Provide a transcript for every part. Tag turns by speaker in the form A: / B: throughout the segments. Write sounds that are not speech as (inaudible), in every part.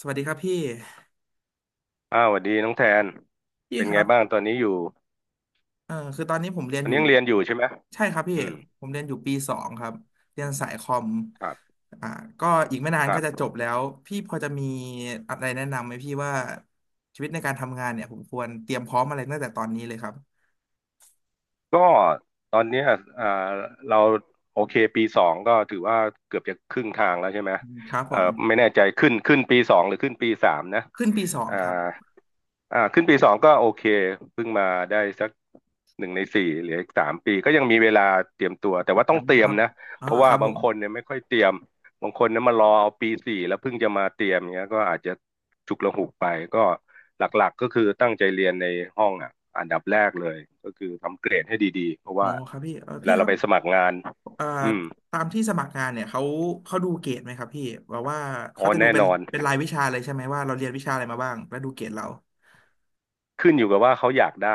A: สวัสดีครับพี่
B: อ้าวสวัสดีน้องแทน
A: พี่
B: เป็น
A: ค
B: ไง
A: รับ
B: บ้างตอนนี้อยู่
A: คือตอนนี้ผมเรีย
B: ต
A: น
B: อ
A: อ
B: น
A: ยู่
B: นี้ยังเรียนอยู่ใช่ไหม
A: ใช่ครับพี่
B: อืม
A: ผมเรียนอยู่ปีสองครับเรียนสายคอม
B: ครับ
A: อ่าก็อีกไม่นา
B: ค
A: นก็
B: รั
A: จะจ
B: บ
A: บแล้วพี่พอจะมีอะไรแนะนำไหมพี่ว่าชีวิตในการทำงานเนี่ยผมควรเตรียมพร้อมอะไรตั้งแต่ตอนนี้เลยครับ
B: ก็ตอนเนี้ยอ่าเราโอเคปีสองก็ถือว่าเกือบจะครึ่งทางแล้วใช่ไหม
A: อืมครับผ
B: เอ่อ
A: ม
B: ไม่แน่ใจขึ้นปีสองหรือขึ้นปีสามนะ
A: ขึ้นปีสอง
B: อ่า
A: ครับ
B: อ่าขึ้นปีสองก็โอเคเพิ่งมาได้สักหนึ่งในสี่เหลืออีกสามปีก็ยังมีเวลาเตรียมตัวแต่ว่า
A: อื
B: ต้อง
A: ม
B: เตรี
A: ค
B: ยม
A: รับ
B: นะ
A: อ๋อ
B: เพราะ
A: ค
B: ว่า
A: รับผ
B: บาง
A: ม
B: คนเนี่ยไม่ค่อยเตรียมบางคนเนี่ยมารอเอาปีสี่แล้วเพิ่งจะมาเตรียมเงี้ยก็อาจจะฉุกละหุกไปก็ หลักๆ ก็คือตั้งใจเรียนในห้องอ่ะอันดับแรกเลยก็คือทำเกรดให้ดีๆ เพราะ
A: อ๋อ
B: ว่า
A: ครับพี่เออ
B: เว
A: พี่
B: ลา
A: ค
B: เรา
A: รับ
B: ไปสมัครงาน
A: เอ่อ
B: อืม
A: ตามที่สมัครงานเนี่ยเขาดูเกรดไหมครับพี่แบบว่า
B: อ๋
A: เขา
B: อ
A: จะดู
B: แน่
A: เป็
B: น
A: น
B: อน
A: เป็นรายวิชาเลยใช่ไหมว่าเราเรียนวิชาอะไรมาบ้างแล้วดูเกรดเรา
B: ขึ้นอยู่กับว่าเขาอยากได้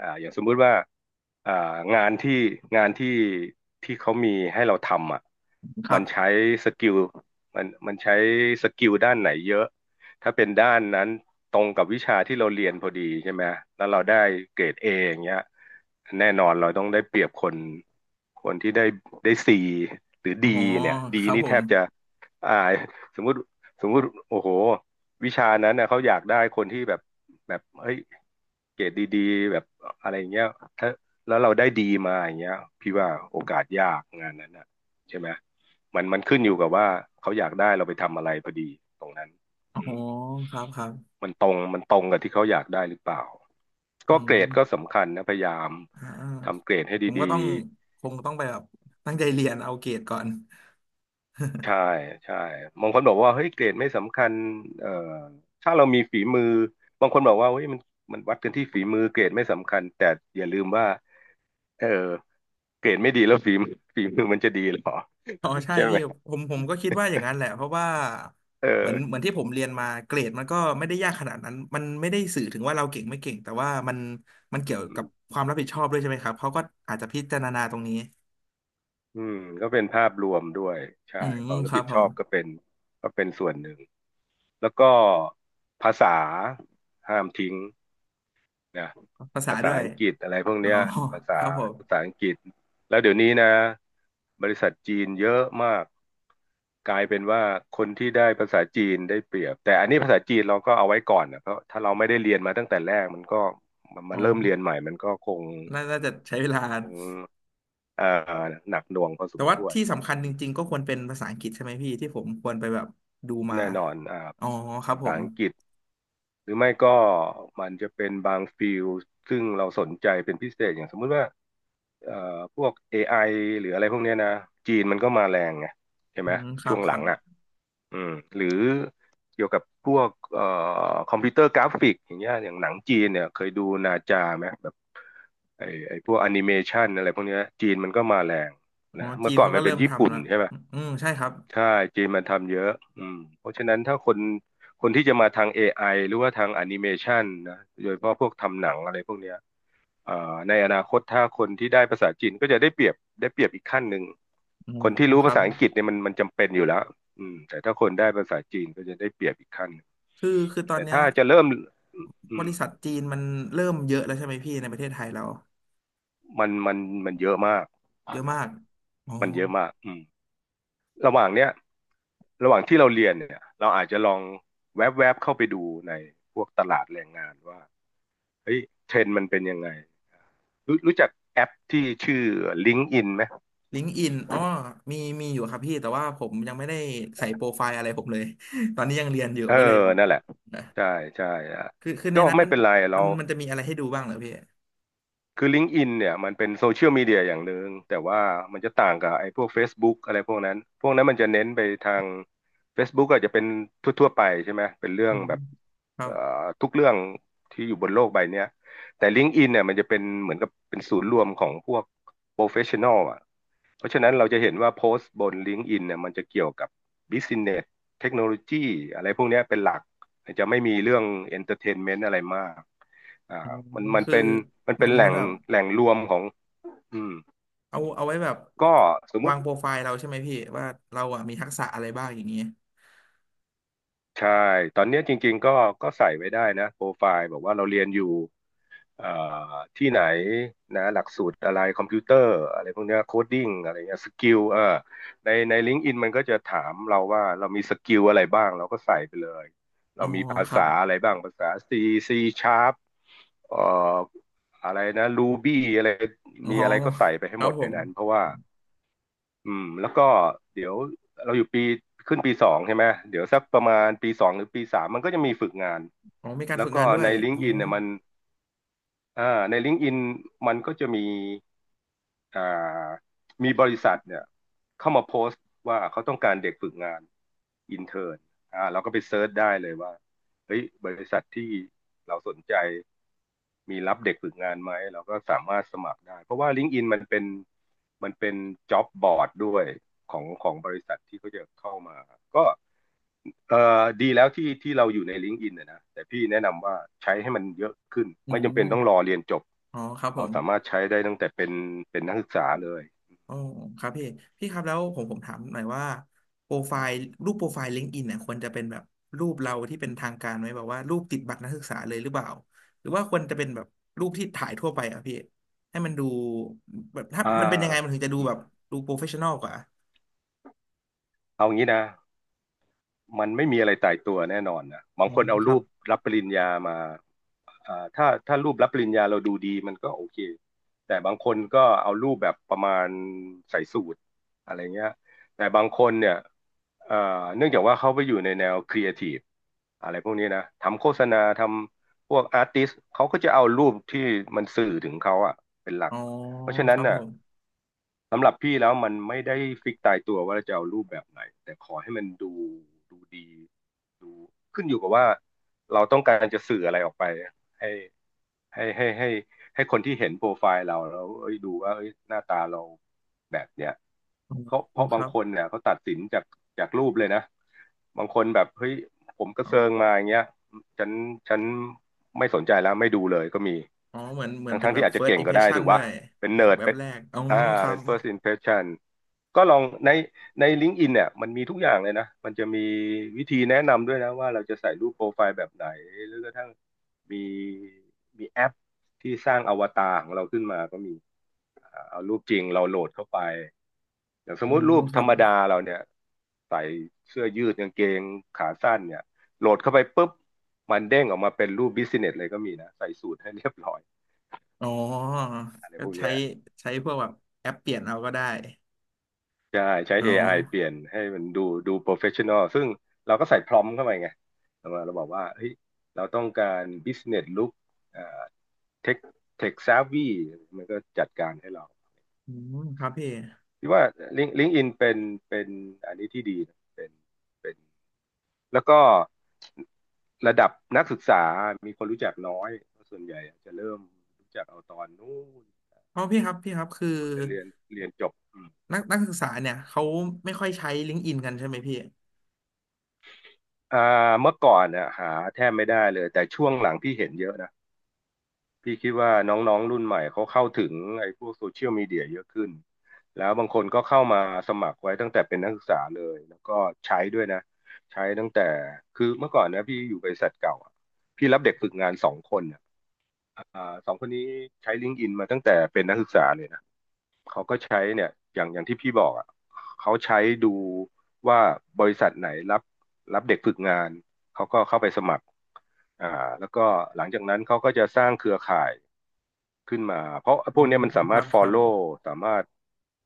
B: อย่างสมมุติว่าอ่างานที่งานที่ที่เขามีให้เราทำอ่ะ
A: ครั
B: มันใช้
A: บ
B: สกิลมันใช้สกิลด้านไหนเยอะ ถ้าเป็นด้านนั้นตรงกับวิชาที่เราเรียนพอดีใช่ไหม แล้วเราได้เกรดเออย่างเงี้ยแน่นอนเราต้องได้เปรียบคนคนที่ได้ซีหรือ
A: อ๋อ
B: ดีเนี่ย
A: ค
B: ดี
A: รับ
B: นี่
A: ผ
B: แท
A: ม
B: บจะอ่าสมมุติสมมุติโอ้โห วิชานั้นนะเขาอยากได้คนที่แบบเฮ้ยเกรดดีๆแบบอะไรอย่างเงี้ยถ้าแล้วเราได้ดีมาอย่างเงี้ยพี่ว่าโอกาสยากงานนั้นอ่ะใช่ไหมมันขึ้นอยู่กับว่าเขาอยากได้เราไปทำอะไรพอดีตรงนั้น
A: อ๋อ
B: อืม
A: ครับครับ
B: มันตรงกับที่เขาอยากได้หรือเปล่า
A: อื
B: ก็เกรดก็
A: ม
B: สำคัญนะพยายาม
A: อ่
B: ทำเก
A: า
B: รดให้
A: ผมก็
B: ดี
A: ต้องคงต้องไปแบบตั้งใจเรียนเอาเกรดก่อน
B: ใช่ใช่บางคนบอกว่าเฮ้ยเกรดไม่สำคัญเอ่อถ้าเรามีฝีมือบางคนบอกว่าเฮ้ยมันวัดกันที่ฝีมือเกรดไม่สำคัญแต่อย่าลืมว่าเออเกรดไม่ดีแล้วฝีมือ (laughs) ฝีมือมันจะดีเหรอ
A: อ๋อใช่
B: (laughs) ใช่ไห
A: พี่
B: ม
A: ผมก็คิดว่าอย่างนั้นแหละเพราะว่า
B: เอ
A: เหมือนเหมือ
B: อ
A: นที่ผมเรียนมาเกรดมันก็ไม่ได้ยากขนาดนั้นมันไม่ได้สื่อถึงว่าเราเก่งไม่เก่งแต่ว่ามันมันเกี่ยวกับความรับผิดชอบด้วยใช่ไหมครับเขาก็อาจจะพิจารณาตรงนี้
B: อืมก็เป็นภาพรวมด้วยใช่
A: อื
B: ค
A: ม
B: วามรั
A: ค
B: บ
A: รั
B: ผิ
A: บ
B: ด
A: ผ
B: ชอ
A: ม
B: บก็เป็นก็เป็นส่วนหนึ่งแล้วก็ภาษาห้ามทิ้ง นะ
A: ภาษา
B: ภา
A: ด้
B: ษา
A: วย
B: อังกฤษอะไรพวก
A: อ๋อ
B: เนี้ยภา
A: ค
B: ษา
A: รับผม
B: ภาษาอังกฤษแล้วเดี๋ยวนี้นะบริษัทจีนเยอะมากกลายเป็นว่าคนที่ได้ภาษาจีนได้เปรียบแต่อันนี้ภาษาจีนเราก็เอาไว้ก่อนนะเพราะถ้าเราไม่ได้เรียนมาตั้งแต่แรกมันก็มัน
A: อ๋
B: มันเริ่มเรียน
A: อ
B: ใหม่มันก็คง
A: น่าน่าจะใช้เวลา
B: คงเอ่อหนักหน่วงพอส
A: แต่
B: ม
A: ว่า
B: ควร
A: ที่สำคัญ
B: อื
A: จริง
B: ม
A: ๆก็ควรเป็นภาษาอังกฤษใช่ไหมพี่ที่ผมควรไปแบบดูมา
B: แน่นอนอ่า
A: อ๋อครับ
B: ภา
A: ผ
B: ษา
A: ม
B: อังกฤษหรือไม่ก็มันจะเป็นบางฟิลด์ซึ่งเราสนใจเป็นพิเศษอย่างสมมุติว่า เอ่อพวก AI หรืออะไรพวกเนี้ยนะจีนมันก็มาแรงไงใช่
A: อื
B: ไหม
A: มครั
B: ช่ว
A: บ
B: ง
A: ค
B: หลั
A: รั
B: ง
A: บ
B: อ่ะอืมหรือเกี่ยวกับพวกคอมพิวเตอร์กราฟิกอย่างเงี้ยอย่างหนังจีนเนี่ยเคยดูนาจาไหมแบบไอ้พวกแอนิเมชันอะไรพวกเนี้ยจีนมันก็มาแรง
A: อ๋อ
B: นะ
A: จี
B: เมื่อ
A: น
B: ก่อน
A: เขา
B: มั
A: ก็
B: นเป็
A: เริ่
B: น
A: ม
B: ญี่
A: ทำ
B: ปุ่น
A: แล้ว
B: ใช่ไหม
A: อืมใช่ครับ
B: ใช่จีนมันทำเยอะอืมเพราะฉะนั้นถ้าคนคนที่จะมาทางเอไ i หรือว่าทางแอนิเมชันนะโดยเฉพาะพวกทำหนังอะไรพวกเนี้ย เอ่อในอนาคตถ้าคนที่ได้ภาษาจีนก็จะได้เปรียบได้เปรียบอีกขั้นหนึ่ง
A: อ๋
B: คนที่
A: อ
B: รู้
A: ค
B: ภา
A: รับ
B: ษาอังกฤษเนี่ยมันจำเป็นอยู่แล้วอืมแต่ถ้าคนได้ภาษาจีนก็จะได้เปรียบอีกขั้นหนึ่ง
A: คือคือตอน
B: แต่
A: เนี้ย
B: ถ้าจะเริ่มอื
A: บ
B: ม
A: ริษัทจีนมันเริ่มเยอะแล้วใช่ไหมพี่ ในประเทศไทยเรา
B: มันมันมันเยอะมาก
A: เยอะมากอ๋อ
B: มันเยอะมากอืมระหว่างเนี้ยระหว่างที่เราเรียนเนี่ยเราอาจจะลองแวบๆเข้าไปดูในพวกตลาดแรงงานว่าเฮ้ยเทรนด์มันเป็นยังไงรู้จักแอปที่ชื่อ l i n k ์อ i n ไหม
A: ลิงก์อิน อ๋อ มี มีอยู่ครับพี่ แต่ว่าผมยังไม่ได้ใส่โปรไฟล์อะไรผมเลย (laughs) ตอนนี้ยังเรียนอยู่
B: เออ
A: ก็เลยแบบ
B: นั่นแหละ
A: นะ
B: ใช่ใช่อ่ะ
A: คือคือ ใน
B: ก็
A: นั้น
B: ไม่
A: มัน
B: เป็นไรเรา
A: มันจะมีอะไรให้ดูบ้างเหรอพี่
B: คือ l i n k ์อ i n เนี่ยมันเป็นโซเชียลมีเดียอย่างหนึ่งแต่ว่ามันจะต่างกับไอ้พวก Facebook อะไรพวกนั้นพวกนั้นมันจะเน้นไปทาง Facebook อาจจะเป็นทั่วๆไปใช่ไหมเป็นเรื่อ
A: อื
B: ง
A: ม
B: แบบ
A: ครั
B: เอ่
A: บ
B: อทุกเรื่องที่อยู่บนโลกใบเนี้ยแต่ l i n k ์อ i n เนี่ยมันจะเป็นเหมือนกับเป็นศูนย์รวมของพวก professional อลอ่ะเพราะฉะนั้นเราจะเห็นว่าโพสต์บน l i n k ์อ i n เนี่ยมันจะเกี่ยวกับ business เนสเทคโนโลยีอะไรพวกเนี้ยเป็นหลัก จะไม่มีเรื่องเอนเตอร์เทนเมนต์อะไรมากอ่า
A: อ๋อ
B: มัน
A: คือ
B: เป็นมัน
A: เห
B: เป็
A: มือ
B: น
A: น
B: แห
A: เหมื
B: ล่
A: อน
B: ง
A: แบบ
B: แหล่งรวมของอืม
A: เอาเอาไว้แบบ
B: ก็สมมุ
A: วาง
B: ติ
A: โปรไฟล์เราใช่ไหมพี่ว่าเราอ่ะมีทักษะอะไรบ้างอย่างเงี้ย
B: ใช่ตอนเนี้ยจริงๆก็ใส่ไว้ได้นะโปรไฟล์บอกว่าเราเรียนอยู่เอ่อที่ไหนนะหลักสูตรอะไรคอมพิวเตอร์อะไรพวกเนี้ยโคดดิ้งอะไรเงี้ยสกิลในลิงก์อินมันก็จะถามเราว่าเรามีสกิลอะไรบ้างเราก็ใส่ไปเลย
A: อ๋
B: เรา
A: อ
B: มีภา
A: ครั
B: ษา
A: บ
B: อะไรบ้างภาษา C C Sharp เอ่ออะไรนะ Ruby อะไร
A: อ๋อ
B: มีอะไรก็ใส่ไป
A: ค
B: ให้ห
A: รั
B: ม
A: บ
B: ด
A: ผ
B: ใน
A: ม
B: นั้นเพราะว่า อืมแล้วก็เดี๋ยวเราอยู่ปีขึ้นปีสองใช่ไหมเดี๋ยวสักประมาณปีสองหรือปีสามมันก็จะมีฝึกงาน
A: อ๋อ มีการ
B: แล้ว
A: ฝึก
B: ก็
A: งานด้ว
B: ใน
A: ย
B: ลิง
A: อ๋อ
B: ก์อินเนี่ยมันอ่าในลิงก์อินมันก็จะมีอ่ามีบริษัทเนี่ยเข้ามาโพสต์ว่าเขาต้องการเด็กฝึกงานอินเทอร์นอ่าเราก็ไปเซิร์ชได้เลยว่าเฮ้ยบริษัทที่เราสนใจ มีรับเด็กฝึกงานไหมเราก็สามารถสมัครได้เพราะว่า LinkedIn มันเป็น job board ด้วยของบริษัทที่เขาจะเข้ามาก็เอ่ดีแล้วที่เราอยู่ใน LinkedIn นนะแต่พี่แนะนำว่าใช้ให้มันเยอะขึ้น
A: อื
B: ไม่จำเป็นต้องรอ
A: ม
B: เรียนจบ
A: อ๋อครับผ
B: เรา
A: ม
B: สามารถใช้ได้ตั้งแต่เป็นนักศึกษาเลย
A: อ๋อครับพี่ พี่ครับแล้วผมถามหน่อยว่าโปรไฟล์รูปโปรไฟล์ลิงก์อินเนี่ยควรจะเป็นแบบรูปเราที่เป็นทางการไหม แบบว่ารูปติดบัตรนักศึกษาเลยหรือเปล่า หรือว่าควรจะเป็นแบบรูปที่ถ่ายทั่วไปอ่ะพี่ ให้มันดูแบบถ้า
B: อ่า
A: มันเป็นยังไงมันถึงจะดู
B: อ
A: แบบดูโปรเฟชชั่นอลกว่า
B: เอางี้นะ มันไม่มีอะไรตายตัวแน่นอนนะบา
A: อื
B: งค
A: ม
B: นเอา
A: ครั
B: รู
A: บ
B: ปรับปริญญามาถ้ารูปรับปริญญาเราดูดีมันก็โอเคแต่บางคนก็เอารูปแบบประมาณใส่สูทอะไรเงี้ยแต่บางคนเนี่ยเอ่อเนื่องจากว่าเขาไปอยู่ในแนวครีเอทีฟอะไรพวกนี้นะทำโฆษณาทำพวกอาร์ติสเขาก็จะเอารูปที่มันสื่อถึงเขาอะเป็นหลั
A: อ๋
B: ก
A: อ
B: เพราะฉะ
A: ค
B: นั้น
A: รับผ
B: น่ะ
A: ม
B: สำหรับพี่แล้วมันไม่ได้ฟิกตายตัวว่าจะเอารูปแบบไหนแต่ขอให้มันดูดูดีดูขึ้นอยู่กับว่าเราต้องการจะสื่ออะไรออกไปให้ ให้ให้ให้ให้คนที่เห็นโปรไฟล์เราแล้วเอ้ยดูว่าเอ้ยหน้าตาเราแบบเนี้ย
A: อ๋อ
B: เขาเพ
A: โอ้
B: ราะ
A: ค
B: บาง
A: รับ
B: คนเนี่ยเขาตัดสินจากรูปเลยนะบางคนแบบเฮ้ยผมกระ
A: อ๋อ
B: เซิงมาอย่างเงี้ยฉันฉันไม่สนใจแล้วไม่ดูเลยก็มี
A: อ๋อเหมือนเหมือน
B: ทั้ง
A: เป็นแบ
B: ที่
A: บ
B: อาจจะเก่
A: first
B: งก็ได้
A: impression
B: ถูก
A: ด้ว
B: ป่ะ
A: ย
B: เป็น
A: เออ
B: เนิร์ด
A: แบบ
B: เป็น
A: แรกอ๋อ
B: อ่า
A: ครั
B: เป็
A: บ
B: น first impression ก็ลองในLinkedIn เนี่ยมันมีทุกอย่างเลยนะมันจะมีวิธีแนะนำด้วยนะว่าเราจะใส่รูปโปรไฟล์แบบไหนหรือกระทั่ง มีมีแอปที่สร้างอวตารของเราขึ้นมาก็มีเอารูปจริงเราโหลดเข้าไปอย่างสม
A: อ๋อ
B: มุติรูป
A: ค
B: ธร
A: รับ
B: รมดาเราเนี่ยใส่เสื้อยืดกางเกงขาสั้นเนี่ยโหลดเข้าไปปุ๊บมันเด้งออกมาเป็นรูปบิสเนสเลยก็มีนะใส่สูทให้เรียบร้อย
A: อ๋อ
B: อะไร
A: ก็
B: พวก
A: ใช้
B: เนี้ย
A: ใช้พวกแบบแอปเปลี่ยนเอาก็ได้
B: ใช่ใช้
A: เอา
B: AI เปลี่ยนให้มันดูดูโปรเฟชชั่นอลซึ่งเราก็ใส่พรอมเข้าไปไงเรามาเราบอกว่าเฮ้ยเราต้องการบิสเนสลุคเอ่อเทคเทคซาวีมันก็จัดการให้เรา
A: อืมครับพี่
B: ที่ว่า Link ลิงอินเป็นเป็นอันนี้ที่ดีเป็นเป็นแล้วก็ระดับนักศึกษา มีคนรู้จักน้อยส่วนใหญ่จะเริ่มรู้จักเอาตอนนู้น
A: เพราะพี่ครับพี่ครับคือ
B: จะเรียนจบอืม
A: นักนักศึกษาเนี่ยเขาไม่ค่อยใช้ลิงก์อินกันใช่ไหมพี่
B: อ่าเมื่อก่อนเนี่ยหาแทบไม่ได้เลยแต่ช่วงหลังพี่เห็นเยอะนะ พี่คิดว่าน้องๆรุ่นใหม่เขาเข้าถึงไอ้พวกโซเชียลมีเดียเยอะขึ้นแล้วบางคนก็เข้ามาสมัครไว้ตั้งแต่เป็นนักศึกษาเลยแล้วก็ใช้ด้วยนะ ใช้ตั้งแต่คือเมื่อก่อนนะพี่อยู่บริษัทเก่าอะพี่รับเด็กฝึกงานสองคนอะอ่าสองคนนี้ใช้ลิงก์อินมาตั้งแต่เป็นนักศึกษาเลยนะเขาก็ใช้เนี่ยอย่างที่พี่บอกอะเขาใช้ดูว่าบริษัทไหนรับเด็กฝึกงาน เขาก็เข้าไปสมัครอ่าแล้วก็หลังจากนั้นเขาก็จะสร้างเครือข่าย ขึ้นมาเพราะพ
A: อื
B: วกเนี้ย
A: ม
B: มันสา
A: ค
B: มา
A: รั
B: รถ
A: บครับ
B: follow สามารถ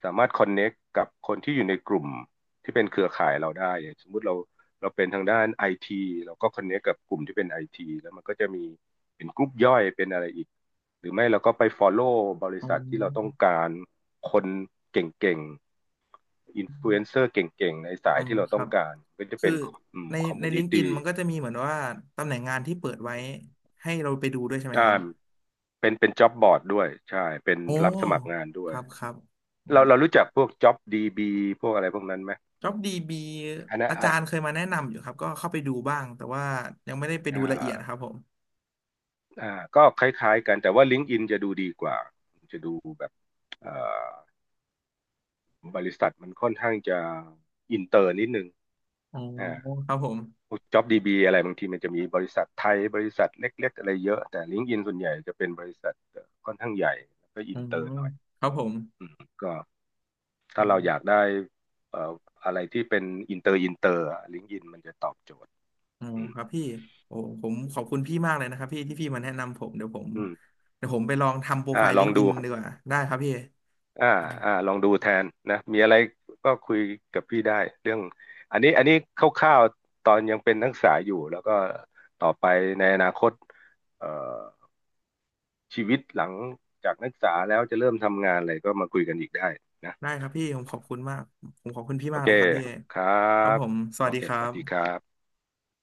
B: connect กับคนที่อยู่ในกลุ่มที่เป็นเครือข่ายเราได้อย่างสมมุติเราเป็นทางด้านไอทีเราก็ connect กับกลุ่มที่เป็นไอทีแล้วมันก็จะมีเป็นกลุ่มย่อยเป็นอะไรอีกหรือไม่เราก็ไป follow บริ
A: อ๋
B: ษัทที่เราต้อง
A: อ
B: การคนเก่งๆอินฟลูเอนเซอร์เก่งๆในสา
A: อ๋
B: ย
A: อ
B: ที่เรา
A: ค
B: ต้
A: รั
B: อง
A: บ
B: การก็จะ
A: คื
B: เป็
A: อ
B: นอืม
A: ใน
B: คอม
A: ใน
B: มู
A: ลิ
B: นิ
A: งก์อิน
B: ตี้
A: มันก็จะมีเหมือนว่าตำแหน่งงานที่เปิดไว้ให้เราไปดูด้วยใช่ไหม
B: อ่า
A: ครับ
B: เป็นจ็อบบอร์ดด้วยใช่เป็น
A: โอ้
B: รับสมัครงานด้
A: ค
B: วย
A: รับครับโอ้
B: เรารู้จักพวก JobDB พวกอะไรพวกนั้นไหม
A: JobDB
B: อันนั้น
A: อาจารย์เคยมาแนะนำอยู่ครับก็เข้าไปดูบ้างแต่ว่ายังไม่ได้ไปดู
B: อ่า
A: ละเอียดครับผม
B: อ่าก็คล้ายๆกัน แต่ว่า LinkedIn จะดูดีกว่า จะดูแบบเอ่อบริษัทมันค่อนข้างจะอินเตอร์นิดนึง
A: อ๋อ
B: อ่า
A: ครับผม
B: พวก JobDB อะไรบางทีมันจะมีบริษัทไทยบริษัทเล็กๆอะไรเยอะ แต่ LinkedIn ส่วนใหญ่จะเป็นบริษัทอค่อนข้างใหญ่แล้วก็
A: อ๋
B: อิ
A: อ
B: นเตอร์หน่อย
A: ครับผม
B: อืมก็
A: อ
B: ถ้าเรา
A: ม
B: อยากได้เอ่ออะไรที่เป็นอินเตอร์ลิงก์อินมันจะตอบโจทย์
A: ออ๋อ
B: อืม
A: ครับพี่โอ้ผมขอบคุณพี่มากเลยนะครับพี่ที่พี่มาแนะนำผมเดี๋ยวผม
B: อืม
A: เดี๋ยวผมไปลองทำโปรไฟล์
B: ล
A: ลิ
B: อ
A: ง
B: ง
A: ก์อิ
B: ดู
A: นดีกว่าได้ครับพี่
B: อ่าอ่าลองดูแทนนะมีอะไรก็คุยกับพี่ได้เรื่องอันนี้คร่าวๆตอนยังเป็นนักศึกษาอยู่แล้วก็ต่อไปในอนาคตเอ่อชีวิตหลังจากนักศึกษาแล้วจะเริ่มทำงานอะไรก็มาคุยกันอีกได้นะ
A: ได้ครับพี่ผมขอบคุณมากผมขอบคุณพี่
B: โอ
A: มาก
B: เค
A: เลยครับพี่
B: ครั
A: ครับ
B: บ
A: ผมส
B: โอ
A: วัสดี
B: เค
A: ครั
B: สวัสดีค
A: บ
B: รับ